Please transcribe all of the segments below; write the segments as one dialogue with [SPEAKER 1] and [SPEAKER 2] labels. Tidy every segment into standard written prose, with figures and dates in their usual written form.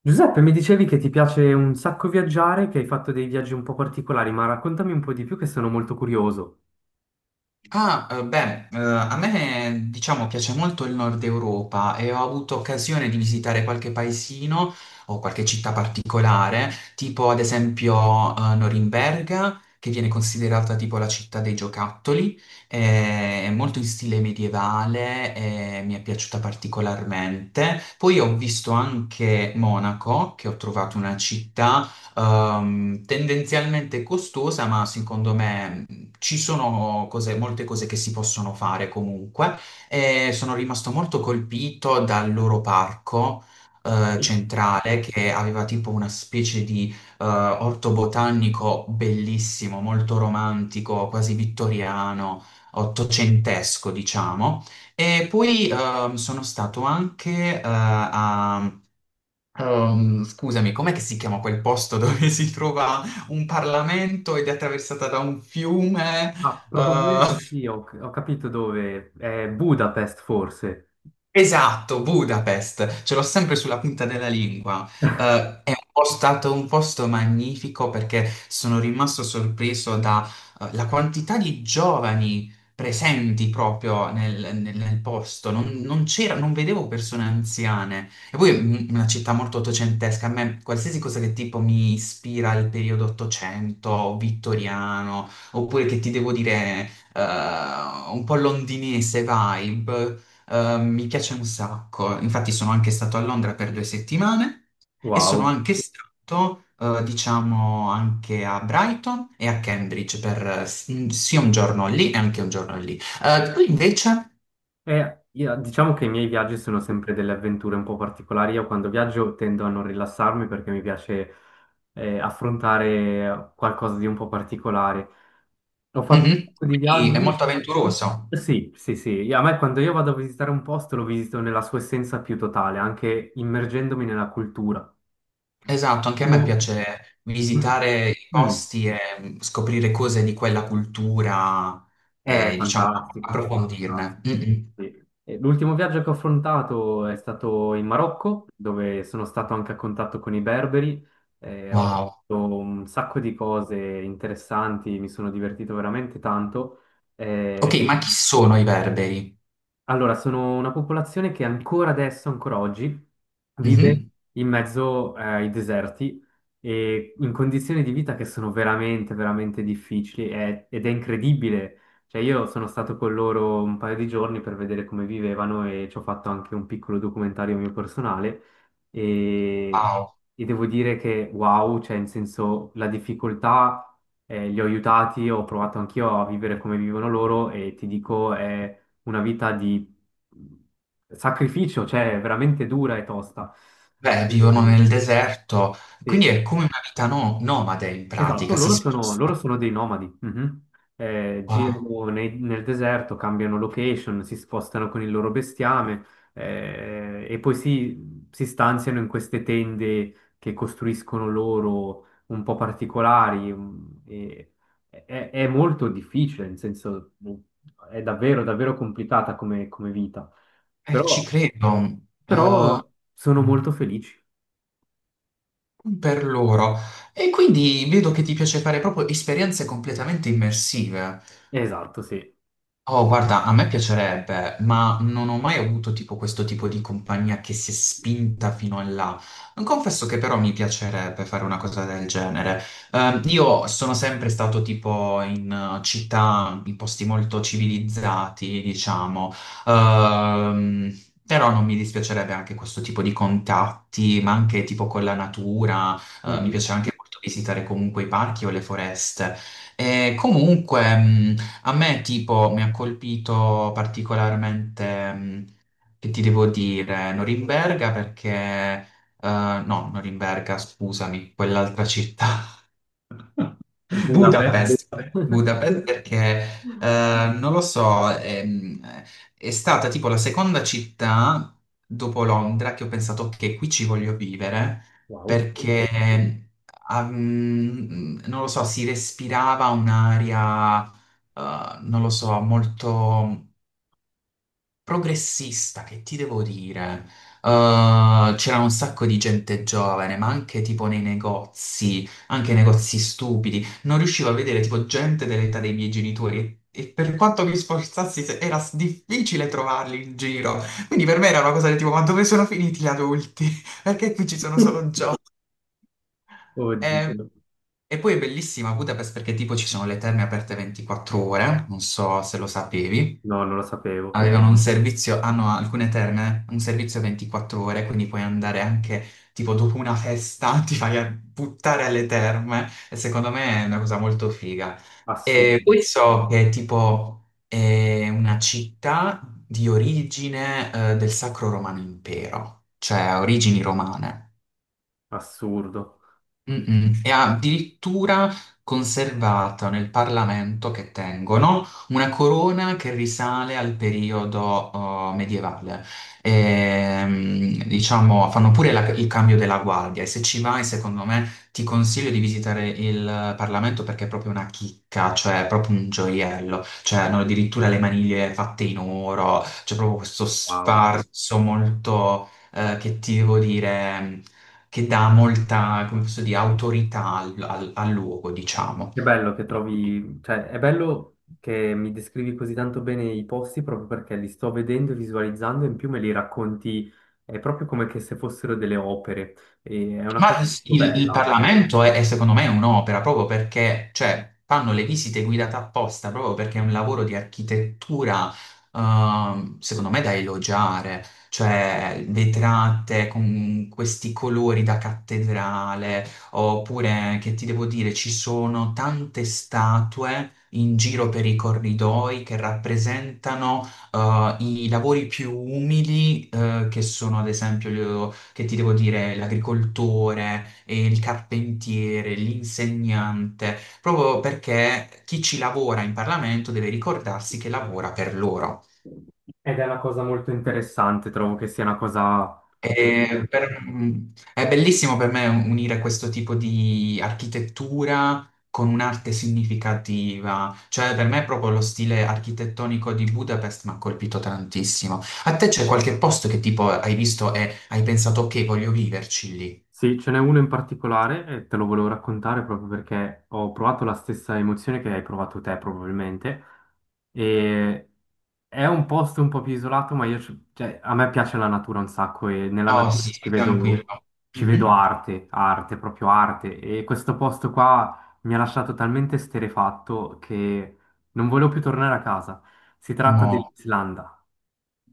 [SPEAKER 1] Giuseppe, mi dicevi che ti piace un sacco viaggiare, che hai fatto dei viaggi un po' particolari, ma raccontami un po' di più che sono molto curioso.
[SPEAKER 2] A me diciamo piace molto il nord Europa e ho avuto occasione di visitare qualche paesino o qualche città particolare, tipo ad esempio Norimberga, che viene considerata tipo la città dei giocattoli. È molto in stile medievale e mi è piaciuta particolarmente. Poi ho visto anche Monaco, che ho trovato una città tendenzialmente costosa, ma secondo me, molte cose che si possono fare comunque. E sono rimasto molto colpito dal loro parco
[SPEAKER 1] Ok.
[SPEAKER 2] centrale, che aveva tipo una specie di orto botanico bellissimo, molto romantico, quasi vittoriano, ottocentesco, diciamo. E poi sono stato anche a scusami, com'è che si chiama quel posto dove si trova un Parlamento ed è attraversata da un fiume?
[SPEAKER 1] Ah,
[SPEAKER 2] Eh,
[SPEAKER 1] probabilmente sì, ho capito dove. È Budapest, forse.
[SPEAKER 2] Esatto, Budapest, ce l'ho sempre sulla punta della lingua. È un po' stato un posto magnifico perché sono rimasto sorpreso dalla quantità di giovani presenti proprio nel posto. Non c'era, non vedevo persone anziane. E poi una città molto ottocentesca. A me qualsiasi cosa che tipo mi ispira al periodo ottocento, vittoriano, oppure, che ti devo dire, un po' londinese vibe. Mi piace un sacco, infatti sono anche stato a Londra per due settimane e sono
[SPEAKER 1] Wow.
[SPEAKER 2] anche stato, diciamo, anche a Brighton e a Cambridge per sia un giorno lì e anche un giorno lì. Qui invece,
[SPEAKER 1] Diciamo che i miei viaggi sono sempre delle avventure un po' particolari. Io quando viaggio tendo a non rilassarmi perché mi piace affrontare qualcosa di un po' particolare. Ho fatto un
[SPEAKER 2] mhm,
[SPEAKER 1] sacco di
[SPEAKER 2] qui è molto
[SPEAKER 1] viaggi.
[SPEAKER 2] avventuroso.
[SPEAKER 1] Sì, sì, sì. A me quando io vado a visitare un posto lo visito nella sua essenza più totale, anche immergendomi nella cultura.
[SPEAKER 2] Esatto, anche a me
[SPEAKER 1] Mo-
[SPEAKER 2] piace visitare i
[SPEAKER 1] Mm.
[SPEAKER 2] posti e, scoprire cose di quella cultura
[SPEAKER 1] È
[SPEAKER 2] e, diciamo,
[SPEAKER 1] fantastico.
[SPEAKER 2] approfondirne. Mm, mm.
[SPEAKER 1] Sì. E l'ultimo viaggio che ho affrontato è stato in Marocco, dove sono stato anche a contatto con i berberi, e ho
[SPEAKER 2] Wow.
[SPEAKER 1] fatto un sacco di cose interessanti, mi sono divertito veramente tanto.
[SPEAKER 2] Ok,
[SPEAKER 1] Eh,
[SPEAKER 2] ma chi sono i berberi?
[SPEAKER 1] allora, sono una popolazione che ancora adesso, ancora oggi, vive
[SPEAKER 2] Mhm.
[SPEAKER 1] in mezzo ai deserti e in condizioni di vita che sono veramente, veramente difficili ed è incredibile. Cioè, io sono stato con loro un paio di giorni per vedere come vivevano e ci ho fatto anche un piccolo documentario mio personale, e,
[SPEAKER 2] Wow.
[SPEAKER 1] e devo dire che wow, cioè, in senso, la difficoltà li ho aiutati, ho provato anch'io a vivere come vivono loro e ti dico è una vita di mhmm, sacrificio, cioè veramente dura e tosta.
[SPEAKER 2] Beh, vivono
[SPEAKER 1] E-
[SPEAKER 2] nel deserto, quindi
[SPEAKER 1] e-
[SPEAKER 2] è come una vita nomade in
[SPEAKER 1] esatto,
[SPEAKER 2] pratica, si
[SPEAKER 1] loro sono, loro
[SPEAKER 2] spostano.
[SPEAKER 1] sono dei nomadi. Mhm.
[SPEAKER 2] Wow,
[SPEAKER 1] Nel deserto, cambiano location, si spostano con il loro bestiame, e poi si stanziano in queste tende che costruiscono loro un po' particolari. È, è molto difficile, nel senso, è davvero, davvero complicata come, come vita.
[SPEAKER 2] ci
[SPEAKER 1] Però
[SPEAKER 2] credo.
[SPEAKER 1] però sono
[SPEAKER 2] Mm,
[SPEAKER 1] molto felici.
[SPEAKER 2] per loro. E quindi vedo che ti piace fare proprio esperienze completamente immersive.
[SPEAKER 1] Esatto, sì.
[SPEAKER 2] Oh, guarda, a me piacerebbe, ma non ho mai avuto tipo questo tipo di compagnia che si è spinta fino in là. Confesso che però mi piacerebbe fare una cosa del genere. Io sono sempre stato tipo in città, in posti molto civilizzati, diciamo. Ehm, però non mi dispiacerebbe anche questo tipo di contatti, ma anche tipo con la natura. Mi
[SPEAKER 1] Mhm.
[SPEAKER 2] piace anche molto visitare comunque i parchi o le foreste. E comunque, a me tipo mi ha colpito particolarmente, che ti devo dire, Norimberga perché, no, Norimberga, scusami, quell'altra città,
[SPEAKER 1] Budapest.
[SPEAKER 2] Budapest, Budapest perché, non lo so, stata tipo la seconda città dopo Londra che ho pensato che qui ci voglio vivere,
[SPEAKER 1] Wow, sì.
[SPEAKER 2] perché, ah, mm, non lo so, si respirava un'aria, non lo so, molto progressista, che ti devo dire? C'era un sacco di gente giovane, ma anche tipo nei negozi, anche nei negozi stupidi. Non riuscivo a vedere tipo gente dell'età dei miei genitori. E per quanto mi sforzassi, difficile trovarli in giro. Quindi per me era una cosa del tipo, ma dove sono finiti gli adulti? Perché qui ci sono solo giovani? Eh,
[SPEAKER 1] Oddio.
[SPEAKER 2] E poi è bellissima Budapest perché tipo ci sono le terme aperte 24 ore, non so se lo sapevi.
[SPEAKER 1] No, non lo sapevo.
[SPEAKER 2] Avevano un servizio, hanno alcune terme, un servizio 24 ore, quindi puoi andare anche, tipo, dopo una festa, ti vai a buttare alle terme, e secondo me è una cosa molto figa. E
[SPEAKER 1] Assurdo,
[SPEAKER 2] poi so che, tipo, è una città di origine, del Sacro Romano Impero, cioè ha origini romane.
[SPEAKER 1] assurdo.
[SPEAKER 2] Mm-mm. È addirittura conservata nel Parlamento, che tengono una corona che risale al periodo, medievale. Diciamo, fanno pure il cambio della guardia e, se ci vai, secondo me, ti consiglio di visitare il Parlamento perché è proprio una chicca, cioè è proprio un gioiello. Cioè, hanno addirittura le maniglie fatte in oro, c'è proprio questo
[SPEAKER 1] Wow.
[SPEAKER 2] sfarzo molto, che ti devo dire, che dà molta, come posso dire, autorità al luogo, diciamo.
[SPEAKER 1] È bello che trovi, cioè è bello che mi descrivi così tanto bene i posti, proprio perché li sto vedendo e visualizzando e in più me li racconti, è proprio come che se fossero delle opere. E è una cosa molto
[SPEAKER 2] Il
[SPEAKER 1] bella.
[SPEAKER 2] Parlamento è secondo me un'opera proprio perché, cioè, fanno le visite guidate apposta proprio perché è un lavoro di architettura, secondo me da elogiare, cioè vetrate con questi colori da cattedrale, oppure, che ti devo dire, ci sono tante statue in giro per i corridoi che rappresentano, i lavori più umili, che sono ad esempio, che ti devo dire, l'agricoltore, il carpentiere, l'insegnante, proprio perché chi ci lavora in Parlamento deve ricordarsi che lavora per loro.
[SPEAKER 1] Ed è una cosa molto interessante, trovo che sia una cosa.
[SPEAKER 2] E per- è bellissimo per me unire questo tipo di architettura con un'arte significativa, cioè per me proprio lo stile architettonico di Budapest mi ha colpito tantissimo. A te c'è qualche posto che tipo hai visto e hai pensato ok, voglio viverci lì?
[SPEAKER 1] Sì, ce n'è uno in particolare e te lo volevo raccontare proprio perché ho provato la stessa emozione che hai provato te probabilmente, e è un posto un po' più isolato, ma cioè, a me piace la natura un sacco e nella
[SPEAKER 2] Oh
[SPEAKER 1] natura
[SPEAKER 2] sì, tranquillo.
[SPEAKER 1] ci vedo
[SPEAKER 2] Mhm.
[SPEAKER 1] arte, arte, proprio arte, e questo posto qua mi ha lasciato talmente esterrefatto che non volevo più tornare a casa. Si tratta
[SPEAKER 2] Mo,
[SPEAKER 1] dell'Islanda.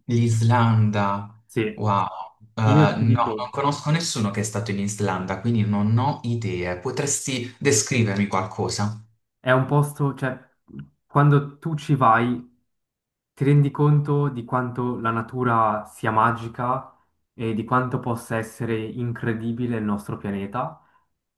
[SPEAKER 2] l'Islanda,
[SPEAKER 1] Sì.
[SPEAKER 2] wow.
[SPEAKER 1] Io
[SPEAKER 2] No,
[SPEAKER 1] ti
[SPEAKER 2] mm, non
[SPEAKER 1] dico,
[SPEAKER 2] conosco nessuno che è stato in Islanda, quindi non ho idee. Potresti descrivermi qualcosa?
[SPEAKER 1] è un posto, cioè, quando tu ci vai ti rendi conto di quanto la natura sia magica e di quanto possa essere incredibile il nostro pianeta,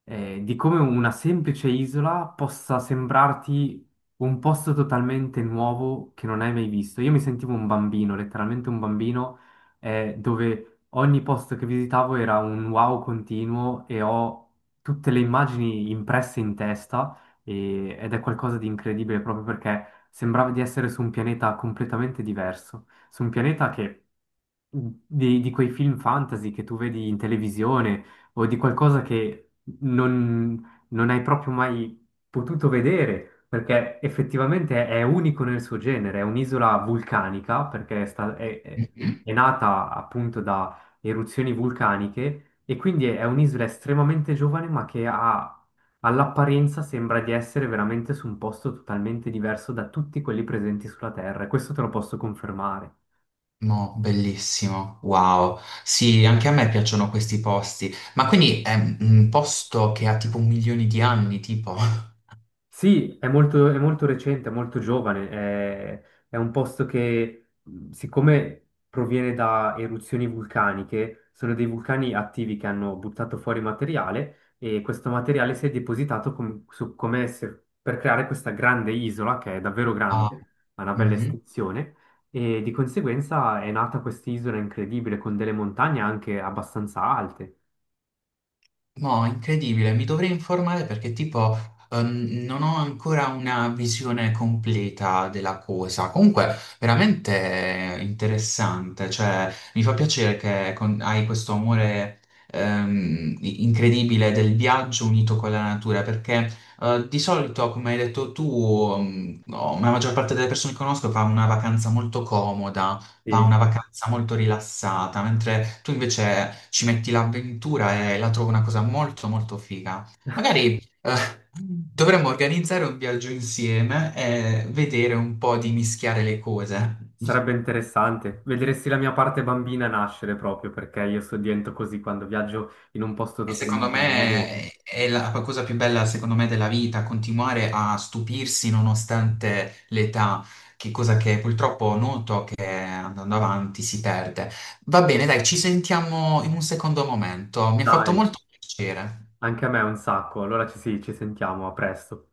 [SPEAKER 1] di come una semplice isola possa sembrarti un posto totalmente nuovo che non hai mai visto. Io mi sentivo un bambino, letteralmente un bambino, dove ogni posto che visitavo era un wow continuo, e ho tutte le immagini impresse in testa, ed è qualcosa di incredibile proprio perché sembrava di essere su un pianeta completamente diverso, su un pianeta che di quei film fantasy che tu vedi in televisione o di qualcosa che non hai proprio mai potuto vedere, perché effettivamente è unico nel suo genere, è un'isola vulcanica, perché è, sta-
[SPEAKER 2] Mhm.
[SPEAKER 1] è nata appunto da eruzioni vulcaniche e quindi è un'isola estremamente giovane, ma che ha all'apparenza, sembra di essere veramente su un posto totalmente diverso da tutti quelli presenti sulla Terra, e questo te lo posso confermare.
[SPEAKER 2] Mo, bellissimo, wow. Sì, anche a me piacciono questi posti, ma quindi è un posto che ha tipo milioni di anni, tipo...
[SPEAKER 1] Sì, è molto recente, è molto giovane, è un posto che, siccome proviene da eruzioni vulcaniche, sono dei vulcani attivi che hanno buttato fuori materiale e questo materiale si è depositato com- su- come se- per creare questa grande isola, che è davvero
[SPEAKER 2] Ah,
[SPEAKER 1] grande, ha una bella
[SPEAKER 2] mhm.
[SPEAKER 1] estensione, e di conseguenza è nata quest'isola incredibile con delle montagne anche abbastanza alte.
[SPEAKER 2] No, incredibile, mi dovrei informare perché tipo, non ho ancora una visione completa della cosa. Comunque, veramente interessante, cioè mi fa piacere che hai questo amore, incredibile, del viaggio unito con la natura, perché, di solito, come hai detto tu, no, la maggior parte delle persone che conosco fa una vacanza molto comoda, fa una vacanza molto rilassata, mentre tu invece ci metti l'avventura e la trovo una cosa molto molto figa. Magari dovremmo organizzare un viaggio insieme e vedere un po' di mischiare le cose.
[SPEAKER 1] Sarebbe interessante. Vedresti la mia parte bambina nascere proprio perché io sto dentro così quando viaggio in un posto
[SPEAKER 2] E secondo
[SPEAKER 1] totalmente
[SPEAKER 2] me
[SPEAKER 1] nuovo.
[SPEAKER 2] è la cosa più bella, secondo me, della vita, continuare a stupirsi nonostante l'età, che cosa che purtroppo noto che andando avanti si perde. Va bene, dai, ci sentiamo in un secondo momento. Mi ha fatto
[SPEAKER 1] Dai,
[SPEAKER 2] molto piacere.
[SPEAKER 1] anche a me è un sacco. Allora ci, sì, ci sentiamo, a presto.